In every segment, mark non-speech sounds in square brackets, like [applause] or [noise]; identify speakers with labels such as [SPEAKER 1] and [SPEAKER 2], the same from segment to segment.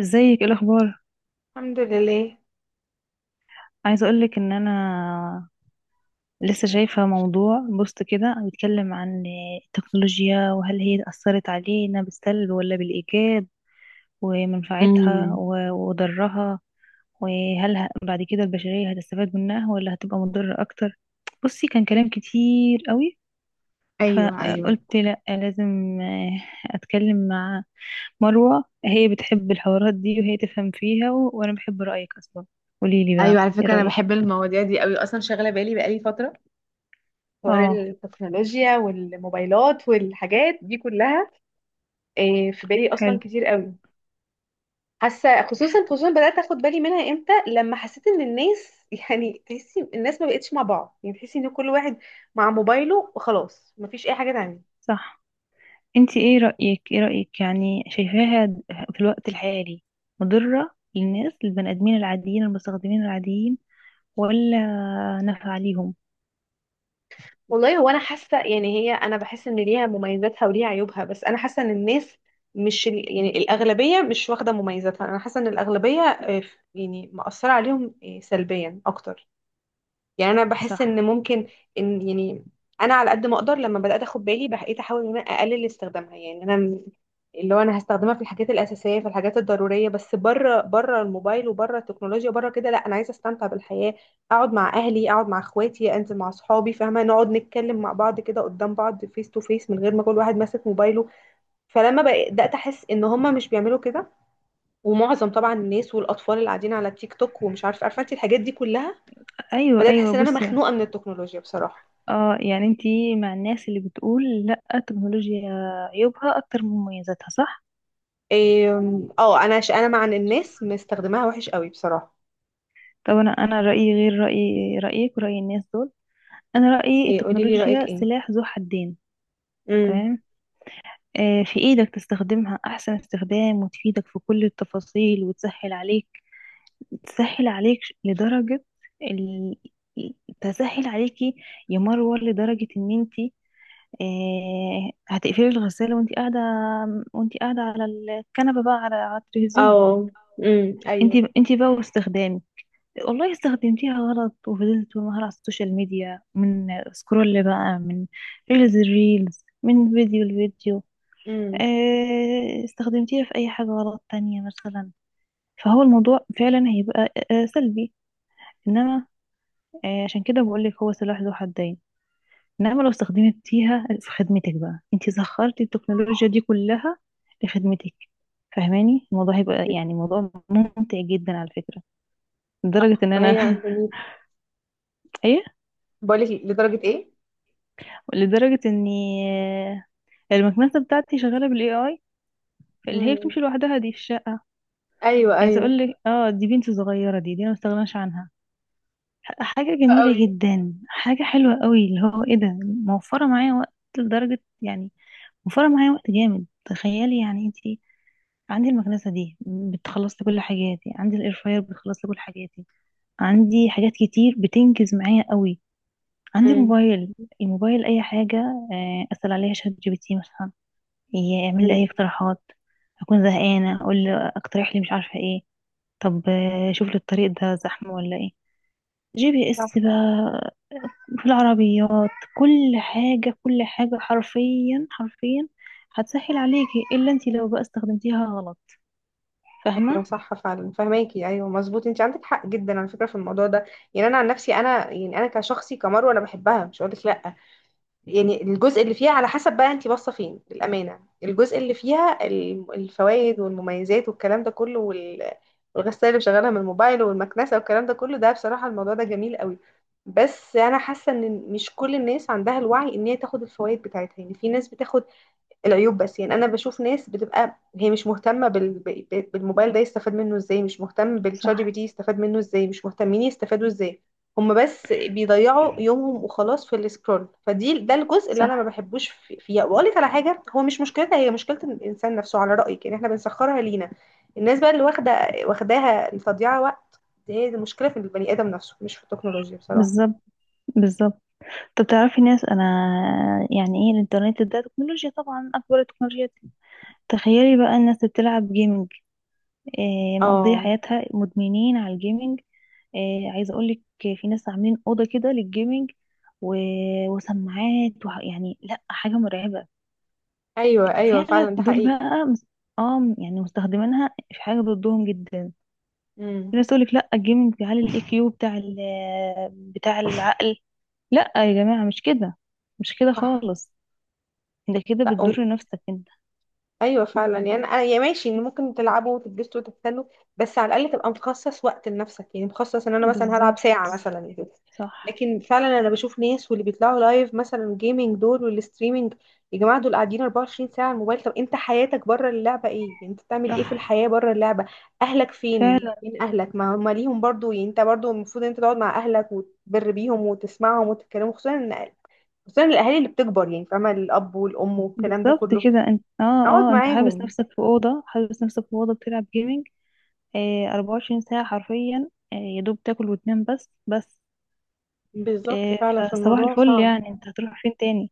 [SPEAKER 1] ازيك؟ ايه الاخبار؟
[SPEAKER 2] الحمد لله.
[SPEAKER 1] عايزه اقولك ان انا لسه شايفه موضوع بوست كده بيتكلم عن التكنولوجيا وهل هي اثرت علينا بالسلب ولا بالايجاب ومنفعتها
[SPEAKER 2] امم.
[SPEAKER 1] وضرها. وهل بعد كده البشريه هتستفاد منها ولا هتبقى مضره اكتر. بصي، كان كلام كتير قوي،
[SPEAKER 2] ايوه، ايوه،
[SPEAKER 1] فقلت لا لازم اتكلم مع مروه، هي بتحب الحوارات دي وهي تفهم فيها وانا بحب رايك اصلا. قوليلي
[SPEAKER 2] ايوه،
[SPEAKER 1] بقى
[SPEAKER 2] على
[SPEAKER 1] ايه
[SPEAKER 2] فكره، انا
[SPEAKER 1] رايك.
[SPEAKER 2] بحب المواضيع دي قوي اصلا، شاغله بالي بقالي فتره، حوار
[SPEAKER 1] اه،
[SPEAKER 2] التكنولوجيا والموبايلات والحاجات دي كلها. إيه، في بالي اصلا
[SPEAKER 1] حلو،
[SPEAKER 2] كتير قوي. حاسه، خصوصا خصوصا بدات اخد بالي منها امتى، لما حسيت ان الناس [laughs] يعني تحسي الناس ما بقتش مع بعض، يعني تحسي ان كل واحد مع موبايله وخلاص، مفيش اي حاجه تانية.
[SPEAKER 1] صح. انت ايه رأيك؟ يعني شايفاها في الوقت الحالي مضرة للناس، للبني ادمين العاديين، المستخدمين العاديين، ولا نافعة ليهم؟
[SPEAKER 2] والله هو انا حاسه، يعني هي، انا بحس ان ليها مميزاتها وليها عيوبها، بس انا حاسه ان الناس مش يعني الاغلبيه مش واخده مميزاتها، انا حاسه ان الاغلبيه، يعني مأثره عليهم سلبيا اكتر. يعني انا بحس ان
[SPEAKER 1] صح،
[SPEAKER 2] ممكن، ان يعني، انا على قد ما اقدر لما بدات اخد بالي بقيت احاول ان انا اقلل استخدامها، يعني انا اللي هو انا هستخدمها في الحاجات الاساسيه، في الحاجات الضروريه بس، بره بره الموبايل وبره التكنولوجيا بره كده، لا انا عايزه استمتع بالحياه، اقعد مع اهلي، اقعد مع اخواتي، انزل مع اصحابي، فاهمه، نقعد نتكلم مع بعض كده قدام بعض، فيس تو فيس، من غير ما كل واحد ماسك موبايله. فلما بدات احس ان هم مش بيعملوا كده، ومعظم طبعا الناس والاطفال اللي قاعدين على تيك توك، ومش عارفه عارفه انت الحاجات دي كلها.
[SPEAKER 1] ايوه
[SPEAKER 2] بدأت
[SPEAKER 1] ايوه.
[SPEAKER 2] أحس إن أنا
[SPEAKER 1] بصي،
[SPEAKER 2] مخنوقة من التكنولوجيا بصراحة.
[SPEAKER 1] اه، يعني انت مع الناس اللي بتقول لا التكنولوجيا عيوبها اكتر من مميزاتها، صح؟
[SPEAKER 2] إيه، أنا أنا مع إن الناس مستخدماها وحش قوي بصراحة.
[SPEAKER 1] طب انا رأيي غير رأيك ورأي الناس دول. انا رأيي
[SPEAKER 2] إيه قولي لي رأيك
[SPEAKER 1] التكنولوجيا
[SPEAKER 2] إيه.
[SPEAKER 1] سلاح ذو حدين.
[SPEAKER 2] امم.
[SPEAKER 1] تمام، في إيدك تستخدمها أحسن استخدام وتفيدك في كل التفاصيل وتسهل عليك. تسهل عليك لدرجة ال... تسهل عليكي يا مروة لدرجة إن أنتي، هتقفلي الغسالة وأنتي قاعدة. على الكنبة بقى، على التلفزيون.
[SPEAKER 2] اه. امم. أيوه.
[SPEAKER 1] أنتي بقى واستخدامك، والله استخدمتيها غلط وفضلت طول النهار على السوشيال ميديا. من سكرول بقى، من الريلز، من الفيديو،
[SPEAKER 2] امم.
[SPEAKER 1] استخدمتيها في أي حاجة غلط تانية مثلا، فهو الموضوع فعلا هيبقى سلبي. إنما عشان كده بقولك هو سلاح ذو حدين، إنما لو استخدمتيها في خدمتك بقى، أنت سخرتي التكنولوجيا دي كلها لخدمتك، فاهماني؟ الموضوع هيبقى يعني موضوع ممتع جدا على فكرة، لدرجة إن
[SPEAKER 2] ما
[SPEAKER 1] أنا
[SPEAKER 2] هي
[SPEAKER 1] [laughs]
[SPEAKER 2] جميل.
[SPEAKER 1] إيه،
[SPEAKER 2] بقولك لدرجة إيه.
[SPEAKER 1] لدرجة إني آه، المكنسة بتاعتي شغالة بالAI، اللي هي
[SPEAKER 2] امم.
[SPEAKER 1] بتمشي لوحدها دي في الشقة.
[SPEAKER 2] أيوه،
[SPEAKER 1] عايزة
[SPEAKER 2] أيوه
[SPEAKER 1] اقول لك، اه دي بنت صغيرة، دي انا ما استغناش عنها. حاجة
[SPEAKER 2] قوي.
[SPEAKER 1] جميلة جدا، حاجة حلوة قوي اللي هو ايه ده. موفرة معايا وقت لدرجة يعني، موفرة معايا وقت جامد. تخيلي يعني انتي، عندي المكنسة دي بتخلص لي كل حاجاتي، عندي الاير فراير بتخلص لي كل حاجاتي، عندي حاجات كتير بتنجز معايا قوي. عندي
[SPEAKER 2] امم.
[SPEAKER 1] الموبايل، اي حاجة اسأل عليها ChatGPT مثلا، يعمل لي
[SPEAKER 2] أمم.
[SPEAKER 1] اي اقتراحات. اكون زهقانة اقول له اقترح لي مش عارفة ايه. طب شوف لي الطريق ده زحمة ولا ايه، GPS
[SPEAKER 2] صح.
[SPEAKER 1] بقى في العربيات. كل حاجة، كل حاجة حرفيا، حرفيا هتسهل عليكي، إلا انتي لو بقى استخدمتيها غلط. فاهمة؟
[SPEAKER 2] ايوه صح، فعلا فهماكي، ايوه مظبوط، انت عندك حق جدا على فكره في الموضوع ده. يعني انا عن نفسي، انا يعني انا كشخصي كمروه، انا بحبها مش هقول لك لا. يعني الجزء اللي فيها على حسب بقى انت باصه فين، للامانه الجزء اللي فيها الفوائد والمميزات والكلام ده كله والغساله اللي شغالها من الموبايل والمكنسه والكلام ده كله، ده بصراحه الموضوع ده جميل قوي. بس انا حاسه ان مش كل الناس عندها الوعي ان هي تاخد الفوائد بتاعتها، يعني في ناس بتاخد العيوب بس، يعني انا بشوف ناس بتبقى هي مش مهتمه بالموبايل ده يستفاد منه ازاي، مش مهتم بالشات جي
[SPEAKER 1] صح،
[SPEAKER 2] بي تي يستفاد منه ازاي، مش مهتمين يستفادوا ازاي. هم بس بيضيعوا يومهم وخلاص في السكرول، فدي، ده الجزء اللي انا ما
[SPEAKER 1] صح،
[SPEAKER 2] بحبوش فيها. واقول لك على حاجه، هو مش مشكلتها هي، مشكله الانسان نفسه، على رايك يعني احنا بنسخرها لينا. الناس بقى اللي واخداها لتضييع وقت، دي هي المشكله في البني ادم نفسه، مش في التكنولوجيا بصراحه.
[SPEAKER 1] بالظبط، بالظبط. طب تعرفي ناس، أنا يعني إيه الإنترنت ده تكنولوجيا طبعا، أكبر التكنولوجيا. تخيلي بقى الناس اللي بتلعب جيمنج، إيه، مقضية
[SPEAKER 2] اه،
[SPEAKER 1] حياتها مدمنين على الجيمنج. إيه، عايزة أقولك، في ناس عاملين أوضة كده للجيمنج و... وسماعات يعني لأ، حاجة مرعبة.
[SPEAKER 2] ايوه ايوه
[SPEAKER 1] فعلا
[SPEAKER 2] فعلا ده
[SPEAKER 1] دول
[SPEAKER 2] حقيقي.
[SPEAKER 1] بقى اه يعني مستخدمينها في حاجه ضدهم جدا. في
[SPEAKER 2] امم.
[SPEAKER 1] ناس تقولك لا الجيمنج بيعلي الIQ بتاع ال آه، بتاع العقل. لا يا جماعه، مش كده، مش كده
[SPEAKER 2] صح.
[SPEAKER 1] خالص. انت كده
[SPEAKER 2] لا،
[SPEAKER 1] بتضر نفسك انت.
[SPEAKER 2] ايوه فعلا، يعني انا يا ماشي ان ممكن تلعبوا وتتبسطوا وتستنوا، بس على الاقل تبقى مخصص وقت لنفسك، يعني مخصص ان انا مثلا هلعب
[SPEAKER 1] بالظبط،
[SPEAKER 2] ساعه مثلا كده.
[SPEAKER 1] صح،
[SPEAKER 2] لكن فعلا انا بشوف ناس واللي بيطلعوا لايف مثلا جيمنج دول والستريمنج، يا جماعه دول قاعدين 24 ساعه على الموبايل، طب انت حياتك بره اللعبه ايه، يعني انت بتعمل ايه في
[SPEAKER 1] صح
[SPEAKER 2] الحياه بره اللعبه، اهلك فين،
[SPEAKER 1] فعلا.
[SPEAKER 2] فين اهلك، ما هم ليهم برضو، يعني انت برضو المفروض ان انت تقعد مع اهلك وتبر بيهم وتسمعهم وتتكلموا، خصوصا ان خصوصا الاهالي اللي بتكبر يعني، فاهمه الاب والام والكلام ده
[SPEAKER 1] بالظبط
[SPEAKER 2] كله،
[SPEAKER 1] كده، انت اه.
[SPEAKER 2] اقعد
[SPEAKER 1] اه انت حابس
[SPEAKER 2] معاهم.
[SPEAKER 1] نفسك في اوضه، بتلعب جيمنج، 24 ساعه حرفيا، يا دوب تاكل وتنام بس بس.
[SPEAKER 2] بالظبط
[SPEAKER 1] آه
[SPEAKER 2] فعلا، في
[SPEAKER 1] فصباح
[SPEAKER 2] الموضوع
[SPEAKER 1] الفل
[SPEAKER 2] صعب.
[SPEAKER 1] يعني، انت هتروح فين تاني؟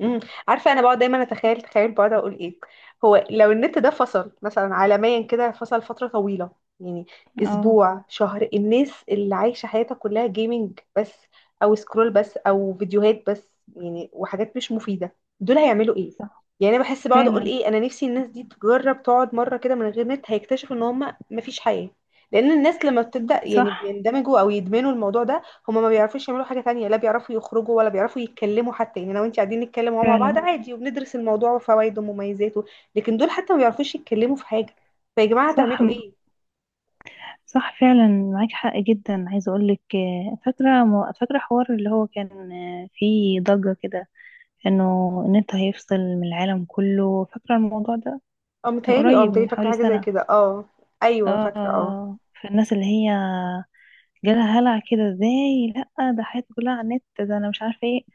[SPEAKER 2] امم عارفه انا بقعد دايما اتخيل، تخيل بقعد اقول ايه، هو لو النت ده فصل مثلا عالميا كده، فصل فتره طويله، يعني
[SPEAKER 1] اه،
[SPEAKER 2] اسبوع، شهر، الناس اللي عايشه حياتها كلها جيمنج بس، او سكرول بس، او فيديوهات بس، يعني وحاجات مش مفيده، دول هيعملوا ايه؟
[SPEAKER 1] صح
[SPEAKER 2] يعني انا بحس، بقعد اقول
[SPEAKER 1] فعلا.
[SPEAKER 2] ايه، انا نفسي الناس دي تجرب تقعد مره كده من غير نت، هيكتشفوا ان هم مفيش حياه. لان الناس لما بتبدا
[SPEAKER 1] صح
[SPEAKER 2] يعني بيندمجوا او يدمنوا الموضوع ده، هما ما بيعرفوش يعملوا حاجة تانية، لا بيعرفوا يخرجوا ولا بيعرفوا يتكلموا حتى. يعني لو انت قاعدين نتكلم وهو مع بعض
[SPEAKER 1] فعلا.
[SPEAKER 2] عادي وبندرس الموضوع وفوائده ومميزاته، لكن دول حتى ما بيعرفوش يتكلموا في حاجة. فيا جماعة
[SPEAKER 1] صح،
[SPEAKER 2] هتعملوا ايه؟
[SPEAKER 1] صح فعلا، معاك حق جدا. عايزه اقول لك، فاكره حوار اللي هو كان فيه ضجه كده، انه النت هيفصل من العالم كله، فاكره الموضوع ده؟
[SPEAKER 2] اه
[SPEAKER 1] كان
[SPEAKER 2] متهيألي، اه
[SPEAKER 1] قريب
[SPEAKER 2] متهيألي،
[SPEAKER 1] من
[SPEAKER 2] فاكرة
[SPEAKER 1] حوالي
[SPEAKER 2] حاجة زي
[SPEAKER 1] سنه.
[SPEAKER 2] كده، اه، ايوه فاكرة، اه،
[SPEAKER 1] اه، فالناس اللي هي جالها هلع كده، ازاي؟ لا ده حياتي كلها على النت ده، انا مش عارفه ايه.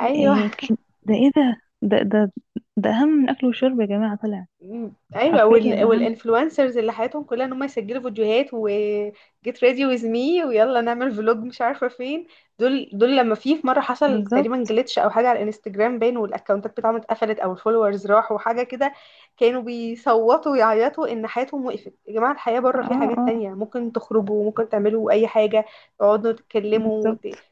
[SPEAKER 2] ايوه.
[SPEAKER 1] إيه ده، ايه ده، ده، ده اهم من الاكل والشرب يا جماعه، طلع
[SPEAKER 2] مم. ايوه
[SPEAKER 1] حرفيا اهم.
[SPEAKER 2] والانفلونسرز اللي حياتهم كلها ان هم يسجلوا فيديوهات و get ready with me، ويلا نعمل فلوج، مش عارفه فين. دول، لما في مره حصل تقريبا
[SPEAKER 1] بالظبط،
[SPEAKER 2] جلitch او حاجه على الانستجرام باين، والاكونتات بتاعهم اتقفلت او الفولورز راحوا حاجه كده، كانوا بيصوتوا ويعيطوا ان حياتهم وقفت. يا جماعه، الحياه بره
[SPEAKER 1] اه،
[SPEAKER 2] في حاجات
[SPEAKER 1] اه،
[SPEAKER 2] تانية، ممكن تخرجوا، ممكن تعملوا اي حاجه، تقعدوا تتكلموا
[SPEAKER 1] بالظبط،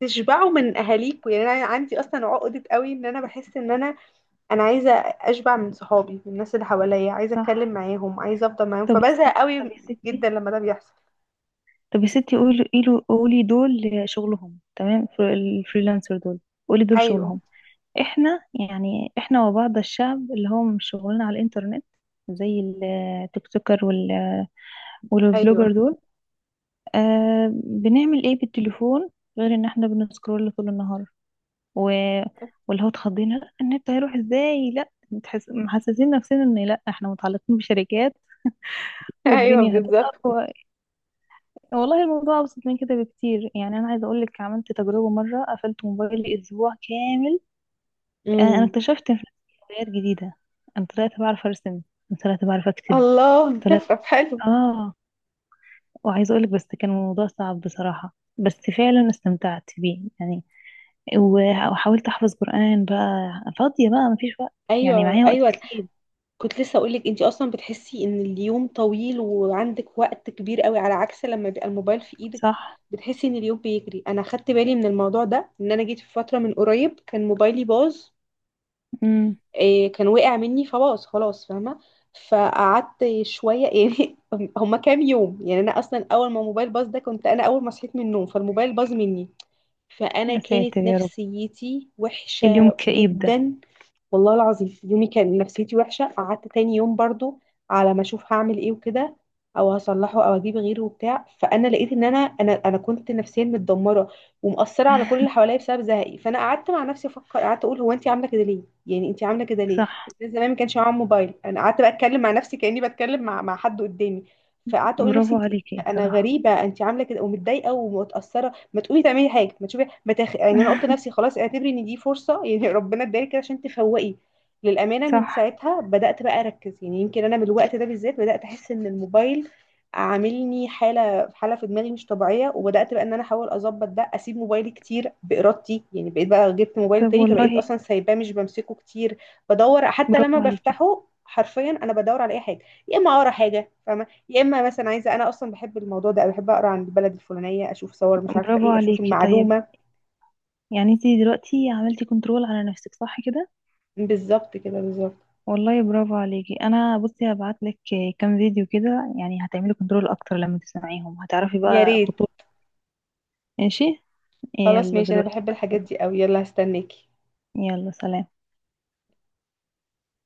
[SPEAKER 2] تشبعوا من اهاليكوا. يعني انا عندي اصلا عقده قوي ان انا بحس ان انا عايزه اشبع من صحابي، من الناس اللي حواليا، عايزه اتكلم
[SPEAKER 1] صح.
[SPEAKER 2] معاهم، عايزه افضل معاهم،
[SPEAKER 1] طب يا ستي
[SPEAKER 2] فبزهق
[SPEAKER 1] طب
[SPEAKER 2] قوي
[SPEAKER 1] يا ستي
[SPEAKER 2] جدا لما ده بيحصل.
[SPEAKER 1] طب يا ستي، قولي، قولي، قولي دول شغلهم، تمام؟ الفريلانسر دول، قولي دول
[SPEAKER 2] ايوه
[SPEAKER 1] شغلهم، احنا يعني، وبعض الشعب اللي هو مش شغلنا على الانترنت، زي التيك توكر والبلوجر
[SPEAKER 2] ايوه.
[SPEAKER 1] دول، بنعمل ايه بالتليفون غير ان احنا بنسكرول طول النهار؟ و... واللي هو اتخضينا "لا، النت هيروح ازاي"، لا محسسين نفسنا ان لا، احنا متعلقين بشركات
[SPEAKER 2] [laughs] ايوه
[SPEAKER 1] والدنيا
[SPEAKER 2] بالظبط.
[SPEAKER 1] هتقف. والله الموضوع أبسط من كده بكتير، يعني أنا عايزة أقولك، عملت تجربة مرة قفلت موبايلي أسبوع كامل. أنا
[SPEAKER 2] امم.
[SPEAKER 1] اكتشفت في نفسي هوايات جديدة. أنا طلعت بعرف أرسم، طلعت بعرف أكتب،
[SPEAKER 2] الله.
[SPEAKER 1] طلعت
[SPEAKER 2] [laughs] طب حلو.
[SPEAKER 1] آه وعايزة أقولك بس كان الموضوع صعب بصراحة، بس فعلا استمتعت بيه يعني. وحاولت أحفظ قرآن بقى، فاضية بقى مفيش وقت، يعني
[SPEAKER 2] ايوه
[SPEAKER 1] معايا وقت
[SPEAKER 2] ايوه،
[SPEAKER 1] كتير.
[SPEAKER 2] كنت لسه اقول لك انت اصلا بتحسي ان اليوم طويل وعندك وقت كبير قوي، على عكس لما بيبقى الموبايل في ايدك
[SPEAKER 1] صح.
[SPEAKER 2] بتحسي ان اليوم بيجري. انا خدت بالي من الموضوع ده، ان انا جيت في فتره من قريب كان موبايلي باظ.
[SPEAKER 1] امم.
[SPEAKER 2] إيه كان وقع مني فباظ خلاص، فاهمة، فقعدت شوية [laughs] يعني هما كام يوم. يعني أنا أصلا أول ما موبايل باظ ده كنت أنا أول ما صحيت من النوم فالموبايل باظ مني، فانا
[SPEAKER 1] يا ساتر
[SPEAKER 2] كانت
[SPEAKER 1] يا رب،
[SPEAKER 2] نفسيتي
[SPEAKER 1] اليوم
[SPEAKER 2] وحشه
[SPEAKER 1] الكئيب ده.
[SPEAKER 2] جدا والله العظيم. يومي كان نفسيتي وحشه، قعدت تاني يوم برضو على ما اشوف هعمل ايه وكده، او هصلحه او اجيب غيره وبتاع، فانا لقيت ان انا كنت نفسيا متدمره ومأثره على كل اللي حواليا بسبب زهقي. فانا قعدت مع نفسي افكر، قعدت اقول هو انت عامله كده ليه، يعني انت عامله كده ليه،
[SPEAKER 1] صح.
[SPEAKER 2] الناس زمان ما كانش معاهم موبايل، انا قعدت بقى اتكلم مع نفسي كاني بتكلم مع حد قدامي، فقعدت اقول لنفسي
[SPEAKER 1] برافو عليكي
[SPEAKER 2] انت انا
[SPEAKER 1] صراحة.
[SPEAKER 2] غريبه، انت عامله كده ومتضايقه ومتاثره، ما تقومي تعملي حاجه، ما تشوفي، ما تخ... يعني انا قلت
[SPEAKER 1] [laughs]
[SPEAKER 2] لنفسي خلاص اعتبري ان دي فرصه يعني [laughs] ربنا ادالك كده عشان تفوقي. للامانه
[SPEAKER 1] صح.
[SPEAKER 2] من ساعتها بدات بقى اركز، يعني يمكن انا من الوقت ده بالذات بدات احس ان الموبايل عاملني حاله حاله في دماغي مش طبيعيه، وبدات بقى ان انا احاول اظبط ده، اسيب موبايلي كتير بارادتي، يعني بقيت بقى جبت موبايل
[SPEAKER 1] طب
[SPEAKER 2] تاني فبقيت
[SPEAKER 1] والله،
[SPEAKER 2] اصلا سايباه مش بمسكه كتير. بدور، حتى لما
[SPEAKER 1] برافو عليكي،
[SPEAKER 2] بفتحه حرفيا انا بدور على اي حاجه، يا اما اقرا حاجه فاهمه، يا اما مثلا عايزه انا اصلا بحب الموضوع ده أوي، بحب اقرا عن البلد الفلانيه اشوف صور مش عارفه
[SPEAKER 1] برافو
[SPEAKER 2] ايه، اشوف
[SPEAKER 1] عليكي، طيب
[SPEAKER 2] المعلومه.
[SPEAKER 1] يعني انتي دلوقتي عملتي كنترول على نفسك، صح كده؟
[SPEAKER 2] بالظبط كده بالظبط.
[SPEAKER 1] والله برافو عليكي. انا بصي، هبعت لك كام فيديو كده، يعني هتعملي كنترول اكتر، لما تسمعيهم هتعرفي
[SPEAKER 2] يا
[SPEAKER 1] بقى
[SPEAKER 2] ريت،
[SPEAKER 1] خطوط. ماشي.
[SPEAKER 2] خلاص
[SPEAKER 1] يلا
[SPEAKER 2] ماشي انا
[SPEAKER 1] دلوقتي
[SPEAKER 2] بحب
[SPEAKER 1] بقى
[SPEAKER 2] الحاجات دي
[SPEAKER 1] هقولك.
[SPEAKER 2] قوي، يلا هستناكي.
[SPEAKER 1] يلا سلام.